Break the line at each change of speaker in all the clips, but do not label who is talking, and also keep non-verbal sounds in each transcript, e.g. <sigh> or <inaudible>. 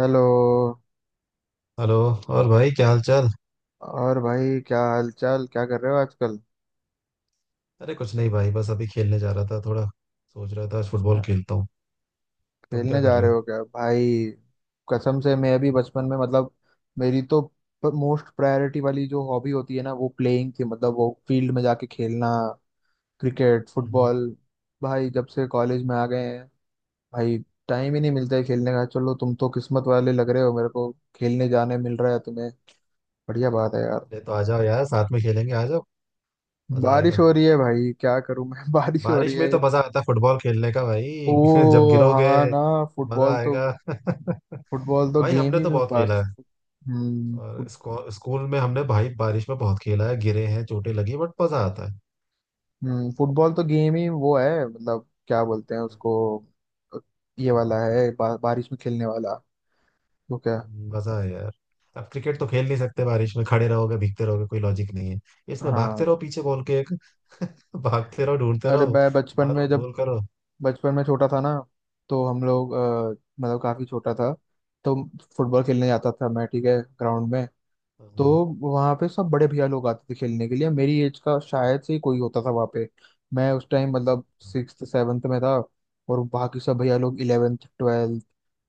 Hello.
Hello. और भाई क्या हाल चाल?
और भाई क्या हालचाल, क्या कर रहे हो आजकल?
अरे कुछ नहीं भाई, बस अभी खेलने जा रहा था। थोड़ा सोच रहा था आज फुटबॉल
अ,
खेलता हूँ। तुम क्या
खेलने
कर
जा
रहे
रहे
हो?
हो क्या भाई? कसम से मैं भी बचपन में, मतलब, मेरी तो मोस्ट प्रायोरिटी वाली जो हॉबी होती है ना, वो प्लेइंग थी। मतलब, वो फील्ड में जाके खेलना, क्रिकेट
हम्म।
फुटबॉल। भाई जब से कॉलेज में आ गए हैं भाई, टाइम ही नहीं मिलता है खेलने का। चलो, तुम तो किस्मत वाले लग रहे हो, मेरे को खेलने जाने मिल रहा है तुम्हें। बढ़िया बात है यार।
अरे तो आ जाओ यार, साथ में खेलेंगे, आ जाओ, मजा
बारिश
आएगा।
हो रही है भाई, क्या करूं मैं। <laughs> बारिश हो रही
बारिश में
है।
तो मजा आता है फुटबॉल खेलने का
ओ
भाई। <laughs> जब गिरोगे
हाँ ना।
तो मजा
फुटबॉल तो
आएगा। <laughs>
फुटबॉल तो
भाई
गेम
हमने
ही
तो
में
बहुत खेला
बस।
है।
हम्म।
और स्कूल में हमने भाई बारिश में बहुत खेला है, गिरे हैं, चोटें लगी, बट मजा आता है।
फुटबॉल तो गेम ही वो है, मतलब क्या बोलते हैं
हम्म।
उसको। ये वाला है, बारिश में खेलने वाला। तो क्या।
मजा है यार। अब क्रिकेट तो खेल नहीं सकते बारिश में, खड़े रहोगे भीगते रहोगे, कोई लॉजिक नहीं है इसमें। भागते
हाँ।
रहो पीछे बॉल के, भागते रहो ढूंढते
अरे
रहो,
मैं बचपन में
मारो
जब
गोल करो।
बचपन में छोटा था ना। तो हम लोग, मतलब, काफी छोटा था। तो फुटबॉल खेलने जाता था मैं, ठीक है, ग्राउंड में। तो
हाँ
वहां पे सब बड़े भैया लोग आते थे खेलने के लिए, मेरी एज का शायद से ही कोई होता था वहां पे। मैं उस टाइम, मतलब, सिक्स सेवन्थ में था। और बाकी सब भैया लोग इलेवेंथ ट्वेल्थ,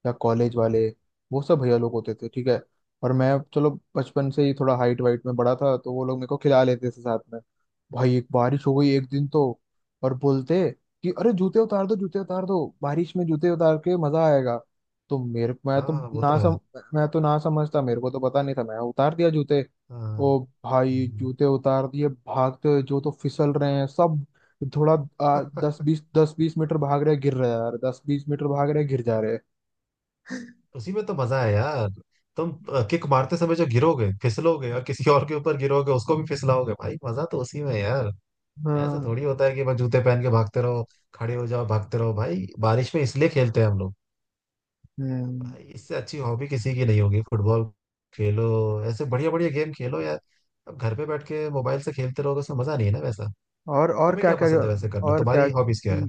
या कॉलेज वाले, वो सब भैया लोग होते थे, ठीक है। और मैं, चलो, बचपन से ही थोड़ा हाइट वाइट में बड़ा था, तो वो लोग मेरे को खिला लेते थे साथ में। भाई एक बारिश हो गई एक दिन तो, और बोलते कि अरे जूते उतार दो, जूते उतार दो, बारिश में जूते उतार के मजा आएगा। तो मेरे मैं तो
हाँ, वो तो
ना
है।
सम मैं तो ना समझता, मेरे को तो पता नहीं था, मैं उतार दिया जूते।
हाँ।
ओ भाई,
हम्म।
जूते उतार दिए, भागते हुए जो तो फिसल रहे हैं सब। थोड़ा दस
<laughs>
बीस, दस बीस मीटर भाग रहे हैं, गिर रहे हैं यार, 10-20 मीटर भाग रहे हैं, गिर जा रहे हैं।
उसी में तो मजा है यार। तुम किक मारते समय जो गिरोगे, फिसलोगे और किसी और के ऊपर गिरोगे, उसको भी फिसलाओगे भाई, मजा तो उसी में है यार। ऐसे
हाँ।
थोड़ी होता है कि बस जूते पहन के भागते रहो, खड़े हो जाओ भागते रहो। भाई बारिश में इसलिए खेलते हैं हम लोग।
हम्म।
भाई इससे अच्छी हॉबी किसी की नहीं होगी फुटबॉल। खेलो, ऐसे बढ़िया बढ़िया गेम खेलो यार। अब घर पे बैठ के मोबाइल से खेलते रहोगे, उसमें मजा नहीं है ना वैसा।
और
तुम्हें
क्या
क्या
क्या?
पसंद है वैसे करना,
और क्या।
तुम्हारी हॉबीज क्या है?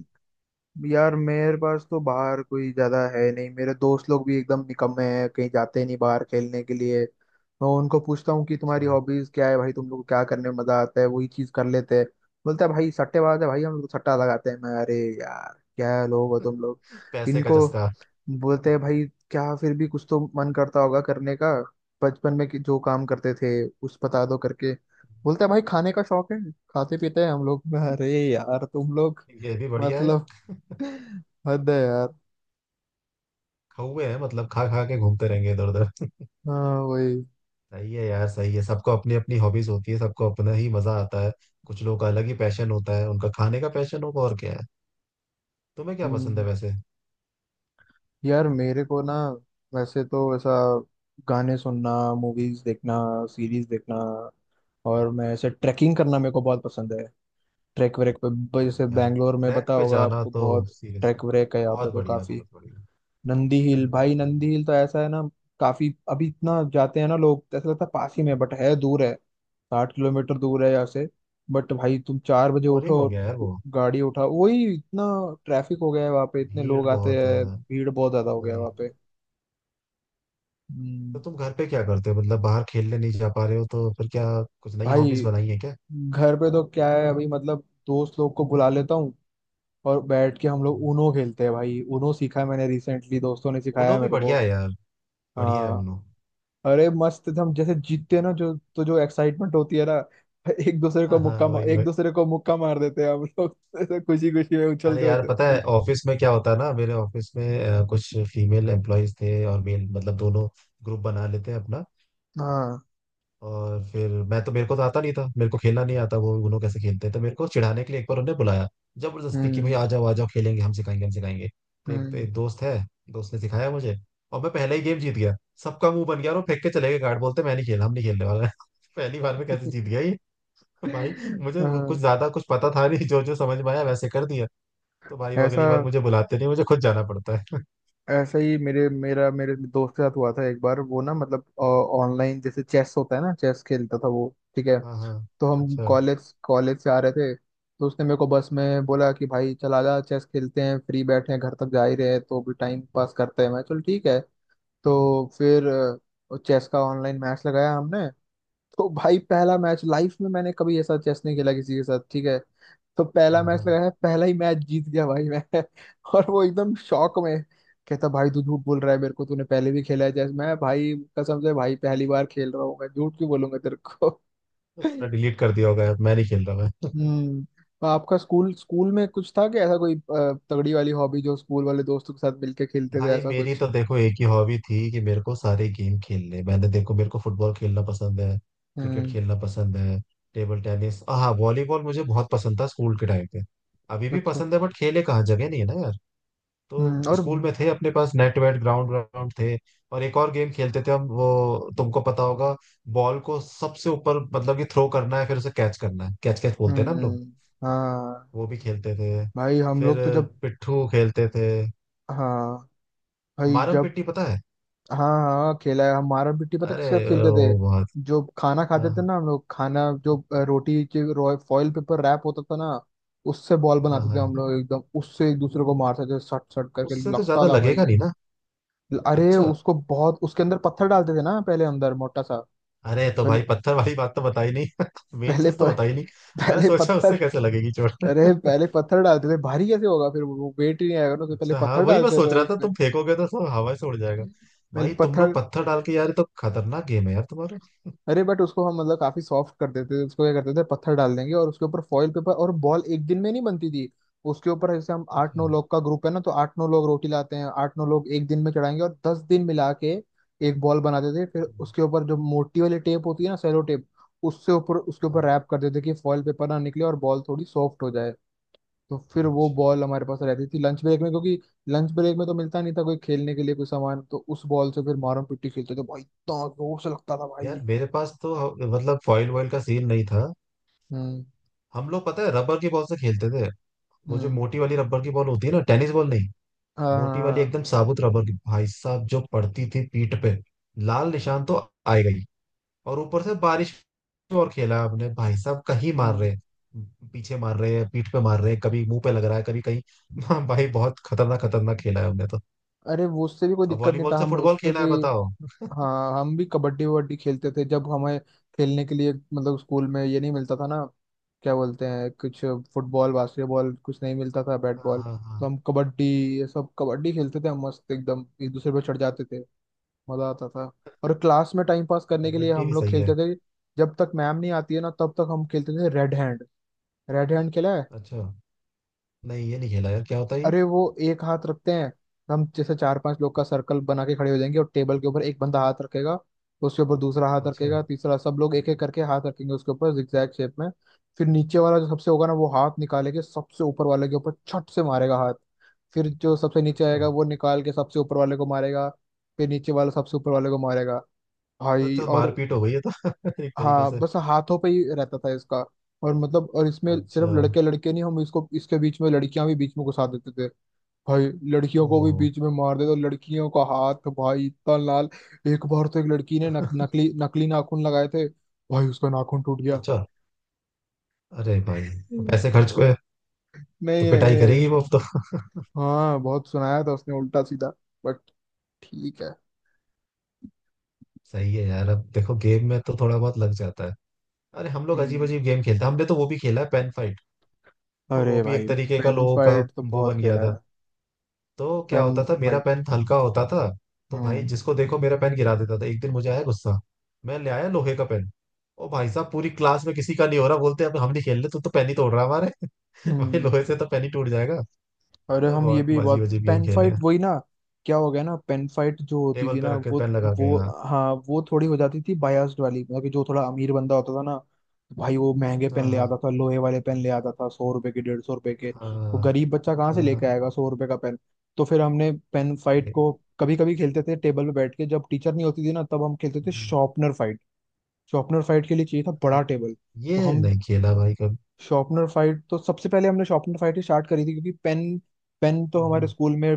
यार मेरे पास तो बाहर कोई ज्यादा है नहीं, मेरे दोस्त लोग भी एकदम निकम्मे हैं, कहीं जाते नहीं बाहर खेलने के लिए। मैं उनको पूछता हूँ कि तुम्हारी
अच्छा।
हॉबीज क्या है भाई, तुम लोग को क्या करने में मजा आता है, वही चीज कर लेते हैं। बोलता है भाई सट्टेबाज है, भाई हम लोग तो सट्टा लगाते हैं। मैं अरे यार क्या लोग हो तुम लोग।
पैसे का
इनको
जस्ता।
बोलते हैं भाई क्या, फिर भी कुछ तो मन करता होगा करने का, बचपन में कि जो काम करते थे उस बता दो करके। बोलता है भाई खाने का शौक है, खाते पीते हैं हम लोग। <laughs> अरे यार तुम लोग,
ये भी बढ़िया है।
मतलब हद है यार।
हुए हैं मतलब, खा खा के घूमते रहेंगे इधर उधर।
हाँ वही।
<laughs> सही है यार, सही है, सबको अपनी अपनी हॉबीज होती है, सबको अपना ही मजा आता है। कुछ लोगों का अलग ही पैशन होता है, उनका खाने का पैशन होगा, और क्या है। तुम्हें क्या पसंद है
हम्म,
वैसे?
यार मेरे को ना, वैसे तो ऐसा, गाने सुनना, मूवीज देखना, सीरीज देखना, और मैं ऐसे ट्रैकिंग करना मेरे को बहुत पसंद है। ट्रैक व्रैक पे
हाँ
जैसे
यार,
बैंगलोर में
ट्रैक
पता
पे
होगा
जाना
आपको,
तो,
बहुत
सीरियसली,
ट्रैक व्रैक है यहाँ पे
बहुत
तो
बढ़िया
काफी।
बहुत बढ़िया।
नंदी हिल भाई, नंदी हिल तो ऐसा है ना, काफी अभी इतना जाते हैं ना लोग, तो ऐसा लगता है पास ही में, बट है दूर है। 60 किलोमीटर दूर है यहाँ से। बट भाई तुम 4 बजे
बोरिंग
उठो
हो
और
गया यार वो।
गाड़ी उठाओ, वही इतना ट्रैफिक हो गया है वहाँ पे, इतने
भीड़
लोग आते
बहुत
हैं,
है,
भीड़ बहुत ज्यादा हो गया है
वही।
वहाँ पे। हम्म,
तो तुम घर पे क्या करते हो, मतलब बाहर खेलने नहीं जा पा रहे हो तो फिर क्या, कुछ नई
भाई
हॉबीज बनाई है क्या?
घर पे तो क्या है अभी, मतलब दोस्त लोग को बुला लेता हूँ, और बैठ के हम लोग ऊनो खेलते हैं। भाई ऊनो सीखा है मैंने रिसेंटली, दोस्तों ने सिखाया
उनो
है
भी
मेरे को।
बढ़िया है यार, बढ़िया है
हाँ।
उनो।
अरे मस्त थे हम, जैसे जीतते हैं ना जो, तो जो एक्साइटमेंट होती है ना,
हाँ हाँ, वही
एक
वही।
दूसरे को मुक्का मार देते हैं हम लोग। <laughs> ऐसे खुशी खुशी में
अरे
उछलते
यार
होते
पता है
उछलते।
ऑफिस में क्या होता है ना, मेरे ऑफिस में कुछ फीमेल एम्प्लॉयज थे और मेल, मतलब दोनों ग्रुप बना लेते हैं अपना।
हाँ।
और फिर मैं तो, मेरे को तो आता नहीं था, मेरे को खेलना नहीं आता वो उनो कैसे खेलते हैं, तो मेरे को चिढ़ाने के लिए एक बार उन्होंने बुलाया जबरदस्ती कि भाई
हम्म।
आ जाओ खेलेंगे, हम सिखाएंगे हम सिखाएंगे। तो एक,
हम्म।
एक दोस्त है, दोस्त ने सिखाया मुझे और मैं पहले ही गेम जीत गया। सबका मुंह बन गया और वो फेंक के चले गए कार्ड, बोलते मैं नहीं खेल, हम नहीं खेलने वाला। <laughs> पहली बार में कैसे जीत
<laughs>
गया। <laughs> भाई मुझे वो कुछ
हाँ,
ज्यादा कुछ पता था नहीं, जो जो समझ में आया वैसे कर दिया। तो भाई वो
ऐसा
अगली बार मुझे बुलाते नहीं, मुझे खुद जाना पड़ता है।
ऐसा ही मेरे दोस्त के साथ हुआ था एक बार वो ना, मतलब, ऑनलाइन जैसे चेस होता है ना, चेस खेलता था वो, ठीक है।
<laughs> हाँ हाँ।
तो हम
अच्छा।
कॉलेज कॉलेज से आ रहे थे, तो उसने मेरे को बस में बोला कि भाई चला जा चेस खेलते हैं, फ्री बैठे हैं, घर तक जा ही रहे हैं तो भी टाइम पास करते हैं। मैं, चल ठीक है। तो फिर चेस का ऑनलाइन मैच लगाया हमने। तो भाई पहला मैच, लाइफ में मैंने कभी ऐसा चेस नहीं खेला किसी के साथ, ठीक है। तो पहला
हाँ
मैच
हाँ।
लगाया, पहला ही मैच जीत गया भाई मैं। <laughs> और वो एकदम शॉक में, कहता भाई तू झूठ बोल रहा है, मेरे को तूने पहले भी खेला है जैसे। मैं, भाई कसम से भाई पहली बार खेल रहा हूँ, मैं झूठ क्यों बोलूंगा तेरे को।
तो उसने
<laughs>
डिलीट कर दिया होगा, मैं नहीं खेल रहा मैं।
हम्म। तो आपका स्कूल स्कूल में कुछ था कि ऐसा कोई, तगड़ी वाली हॉबी, जो स्कूल वाले दोस्तों के साथ मिलके खेलते थे
भाई
ऐसा
मेरी
कुछ?
तो देखो एक ही हॉबी थी कि मेरे को सारे गेम खेलने, मैंने देखो मेरे को फुटबॉल खेलना पसंद है, क्रिकेट
हम्म।
खेलना पसंद है, टेबल टेनिस, हाँ वॉलीबॉल मुझे बहुत पसंद था स्कूल के टाइम पे। अभी भी
अच्छा।
पसंद है बट खेले कहाँ, जगह नहीं है ना यार।
हम्म।
तो
और।
स्कूल में थे अपने पास नेट वेट, ग्राउंड ग्राउंड थे। और एक और गेम खेलते थे हम, वो तुमको पता होगा, बॉल को सबसे ऊपर मतलब कि थ्रो करना है, फिर उसे कैच करना है, कैच कैच बोलते हैं ना हम लोग,
हम्म। हाँ
वो भी खेलते थे।
भाई हम
फिर
लोग तो जब,
पिट्ठू खेलते थे।
हाँ भाई
मारम
जब,
पिट्टी पता है?
हाँ हाँ खेला है। हमारा पिट्टी पता
अरे
किसके साथ खेलते थे?
वो बहुत।
जो खाना खाते
हाँ
थे ना हम लोग, खाना जो रोटी के फॉइल पेपर रैप होता था ना, उससे बॉल
हाँ
बनाते थे
हाँ।
हम लोग, एकदम उससे एक दूसरे को मारते थे सट सट करके,
उससे तो
लगता
ज्यादा
था
लगेगा नहीं
भाई।
ना।
अरे
अच्छा।
उसको बहुत, उसके अंदर पत्थर डालते थे ना पहले, अंदर मोटा सा।
अरे तो भाई
पहले
पत्थर वाली बात तो बताई नहीं। <laughs> मेन
पहले
चीज
प,
तो बताई नहीं।
<laughs>
मैं
पहले
सोचा
पत्थर।
उससे कैसे लगेगी चोट।
अरे पहले पत्थर डालते थे, भारी कैसे होगा फिर, वो वेट ही नहीं आएगा ना, तो पहले
अच्छा हाँ,
पत्थर
वही मैं
डालते थे
सोच रहा था,
उसमें।
तुम फेंकोगे तो सब हवा से उड़ जाएगा।
पहले
भाई तुम
पत्थर,
लोग पत्थर डाल के यार, ये तो खतरनाक गेम है यार तुम्हारा।
अरे बट उसको हम मतलब काफी सॉफ्ट कर देते थे उसको, क्या करते थे, पत्थर डाल देंगे और उसके ऊपर फॉइल पेपर, और बॉल एक दिन में नहीं बनती थी। उसके ऊपर जैसे हम आठ
अच्छा।
नौ
हम्म।
लोग का ग्रुप है ना, तो आठ नौ लोग रोटी लाते हैं, आठ नौ लोग एक दिन में चढ़ाएंगे, और 10 दिन मिला के एक बॉल बनाते थे। फिर उसके ऊपर जो मोटी वाली टेप होती है ना, सेलो टेप, उससे ऊपर, उसके
हाँ।
ऊपर रैप कर देते कि फॉइल पेपर ना निकले और बॉल थोड़ी सॉफ्ट हो जाए। तो फिर वो
अच्छा।
बॉल हमारे पास रहती थी लंच ब्रेक में, क्योंकि लंच ब्रेक में तो मिलता नहीं था कोई खेलने के लिए कोई सामान, तो उस बॉल से फिर मारम पिट्टी खेलते थे भाई, इतना जोर से लगता था
यार
भाई।
मेरे पास तो मतलब फॉइल वॉइल का सीन नहीं था।
हम्म।
हम लोग पता है रबर की बॉल से खेलते थे। वो जो
हम्म।
मोटी वाली रबर की बॉल होती है ना, टेनिस बॉल नहीं,
हाँ
मोटी वाली
हाँ।
एकदम साबुत रबर की। भाई साहब जो पड़ती थी पीठ पे, लाल निशान तो आएगा ही। और ऊपर से बारिश में और खेला आपने, भाई साहब कहीं मार रहे
हम्म।
हैं पीछे मार रहे हैं पीठ पे मार रहे हैं, कभी मुंह पे लग रहा है कभी कहीं। <laughs> हाँ भाई बहुत खतरनाक खतरनाक खेला है हमने तो।
अरे वो उससे भी कोई
अब
दिक्कत नहीं था,
वॉलीबॉल से
हम
फुटबॉल
उससे
खेला
भी।
है बताओ।
हाँ, हम भी कबड्डी वबड्डी खेलते थे, जब हमें खेलने के लिए मतलब स्कूल में ये नहीं मिलता था ना, क्या बोलते हैं कुछ, फुटबॉल बास्केटबॉल कुछ नहीं मिलता था, बैट
हाँ
बॉल।
हाँ हाँ।
तो हम कबड्डी ये सब कबड्डी खेलते थे हम, मस्त एकदम एक दूसरे पर चढ़ जाते थे, मजा आता था। और क्लास में टाइम पास करने के लिए
कबड्डी
हम
भी
लोग
सही है।
खेलते थे, जब तक मैम नहीं आती है ना तब तक हम खेलते थे रेड हैंड। रेड हैंड खेला है?
अच्छा। नहीं ये नहीं खेला यार, क्या होता है ये?
अरे वो, एक हाथ रखते हैं, हम जैसे चार पांच लोग का सर्कल बना के खड़े हो जाएंगे और टेबल के ऊपर एक बंदा हाथ रखेगा, उसके ऊपर दूसरा हाथ
अच्छा।
रखेगा, तीसरा, सब लोग एक एक करके हाथ रखेंगे उसके ऊपर, जिगजैग शेप में। फिर नीचे वाला जो सबसे होगा ना, वो हाथ निकाले के सबसे ऊपर वाले के ऊपर छट से मारेगा हाथ। फिर जो सबसे नीचे
अच्छा,
आएगा, वो निकाल के सबसे ऊपर वाले को मारेगा। फिर नीचे वाला सबसे ऊपर वाले को मारेगा
मतलब
भाई,
तो
और
मारपीट हो गई है तो, <laughs> एक तरीके
हाँ
से।
बस हाथों पे ही रहता था इसका। और मतलब और इसमें सिर्फ
अच्छा।
लड़के लड़के नहीं, हम इसको, इसके बीच में लड़कियां भी बीच में घुसा देते थे भाई। लड़कियों को भी
ओहो।
बीच में मार दे तो लड़कियों का हाथ भाई इतना लाल। एक बार तो एक लड़की ने नकली नकली नाखून लगाए थे, भाई उसका नाखून टूट गया।
अच्छा। अरे भाई,
हम्म।
पैसे खर्च हुए, तो
नहीं नहीं।
पिटाई
नहीं,
करेगी वो अब तो।
हाँ बहुत सुनाया था उसने उल्टा सीधा, बट ठीक है।
सही है यार, अब देखो गेम में तो थोड़ा बहुत लग जाता है। अरे हम लोग अजीब
हम्म।
अजीब गेम खेलते हैं, हमने तो वो भी खेला है पेन फाइट। <laughs> वो
अरे
भी एक
भाई
तरीके का
पेन
लोगों का,
फाइट तो
वो
बहुत
बन गया
खेला
था।
है।
तो क्या
पेन
होता था, मेरा
फाइट।
पेन हल्का होता था, तो भाई
हम्म।
जिसको देखो मेरा पेन गिरा देता था। एक दिन मुझे आया गुस्सा, मैं ले आया लोहे का पेन। ओ भाई साहब, पूरी क्लास में किसी का नहीं हो रहा, बोलते अब हम नहीं खेल रहे, तू तो पेन ही तोड़ रहा है हमारे। <laughs> भाई
हम्म।
लोहे से तो पेन ही टूट जाएगा।
अरे
अरे
हम ये
बहुत
भी
अजीब
बात
अजीब गेम
पेन
खेले
फाइट
हैं।
वही ना, क्या हो गया ना, पेन फाइट जो होती
टेबल
थी
पे
ना
रख के पेन लगा के,
वो,
हाँ।
हाँ वो थोड़ी हो जाती थी बायास्ड वाली, मतलब कि जो थोड़ा अमीर बंदा होता था ना, भाई वो महंगे
हाँ
पेन ले
हाँ
आता था, लोहे वाले पेन ले आता था, 100 रुपए के, 150 रुपए के। वो गरीब बच्चा कहाँ
हाँ
से
हाँ,
लेके
हाँ।
आएगा 100 रुपए का पेन। तो फिर हमने पेन फाइट
ये
को कभी कभी खेलते थे टेबल पे बैठ के, जब टीचर नहीं होती थी ना तब हम खेलते थे शॉर्पनर फाइट। शॉर्पनर फाइट के लिए चाहिए था बड़ा टेबल। तो
ये
हम,
नहीं खेला भाई कभी।
शॉर्पनर फाइट तो सबसे पहले हमने शॉर्पनर फाइट ही स्टार्ट करी थी, क्योंकि पेन पेन तो हमारे
हम्म,
स्कूल में,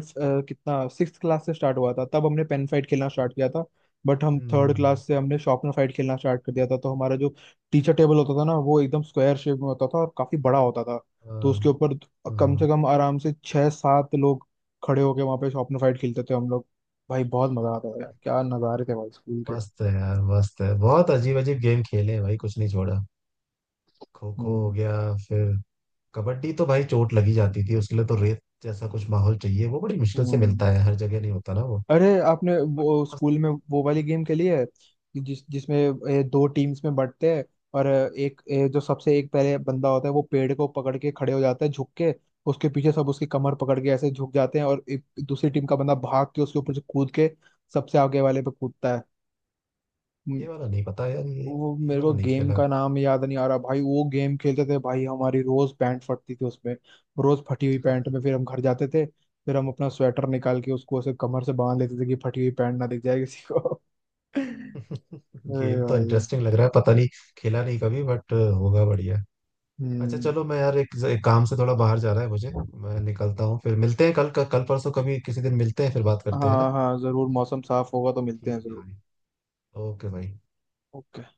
कितना, सिक्स क्लास से स्टार्ट हुआ था, तब हमने पेन फाइट खेलना स्टार्ट किया था। बट हम
हम्म, हम्म,
थर्ड
हम्म।
क्लास से हमने शॉर्पनर फाइट खेलना स्टार्ट कर दिया था। तो हमारा जो टीचर टेबल होता था ना, वो एकदम स्क्वायर शेप में होता था और काफी बड़ा होता था। तो
हाँ
उसके ऊपर कम से
हाँ,
कम आराम से छह सात लोग खड़े होके वहां पे शॉर्पनर फाइट खेलते थे हम लोग। भाई बहुत मजा आता था यार, क्या नजारे थे भाई स्कूल के।
मस्त है यार, मस्त है, बहुत अजीब अजीब गेम खेले हैं भाई, कुछ नहीं छोड़ा। खो खो हो
हम्म।
गया, फिर कबड्डी तो भाई चोट लगी जाती थी, उसके लिए तो रेत जैसा कुछ माहौल चाहिए, वो बड़ी मुश्किल से
हम्म।
मिलता है, हर जगह नहीं होता ना वो।
अरे आपने
बट
वो
मस्त।
स्कूल में वो वाली गेम खेली है कि जिसमें, दो टीम्स में बंटते हैं, और एक जो सबसे एक पहले बंदा होता है वो पेड़ को पकड़ के खड़े हो जाता है झुक के, उसके पीछे सब उसकी कमर पकड़ के ऐसे झुक जाते हैं, और एक दूसरी टीम का बंदा भाग के उसके ऊपर से कूद के सबसे आगे वाले पे कूदता है।
ये वाला नहीं पता यार ये
वो,
ये
मेरे
वाला
को
नहीं
गेम
खेला।
का नाम याद नहीं आ रहा भाई, वो गेम खेलते थे भाई, हमारी रोज पैंट फटती थी उसमें। रोज फटी हुई पैंट में फिर हम घर जाते थे, फिर हम अपना स्वेटर निकाल के उसको ऐसे कमर से बांध लेते थे कि फटी हुई पैंट ना दिख जाए किसी को। <laughs>
<laughs>
अरे
गेम तो
भाई।
इंटरेस्टिंग लग रहा है, पता नहीं खेला नहीं कभी बट होगा बढ़िया। अच्छा
हम्म।
चलो, मैं यार एक काम से थोड़ा बाहर जा रहा है मुझे, मैं निकलता हूँ। फिर मिलते हैं कल कल परसों कभी किसी दिन मिलते हैं, फिर बात करते हैं ना।
हाँ हाँ जरूर, मौसम साफ होगा तो मिलते हैं
ठीक है
जरूर।
भाई। ओके भाई।
ओके।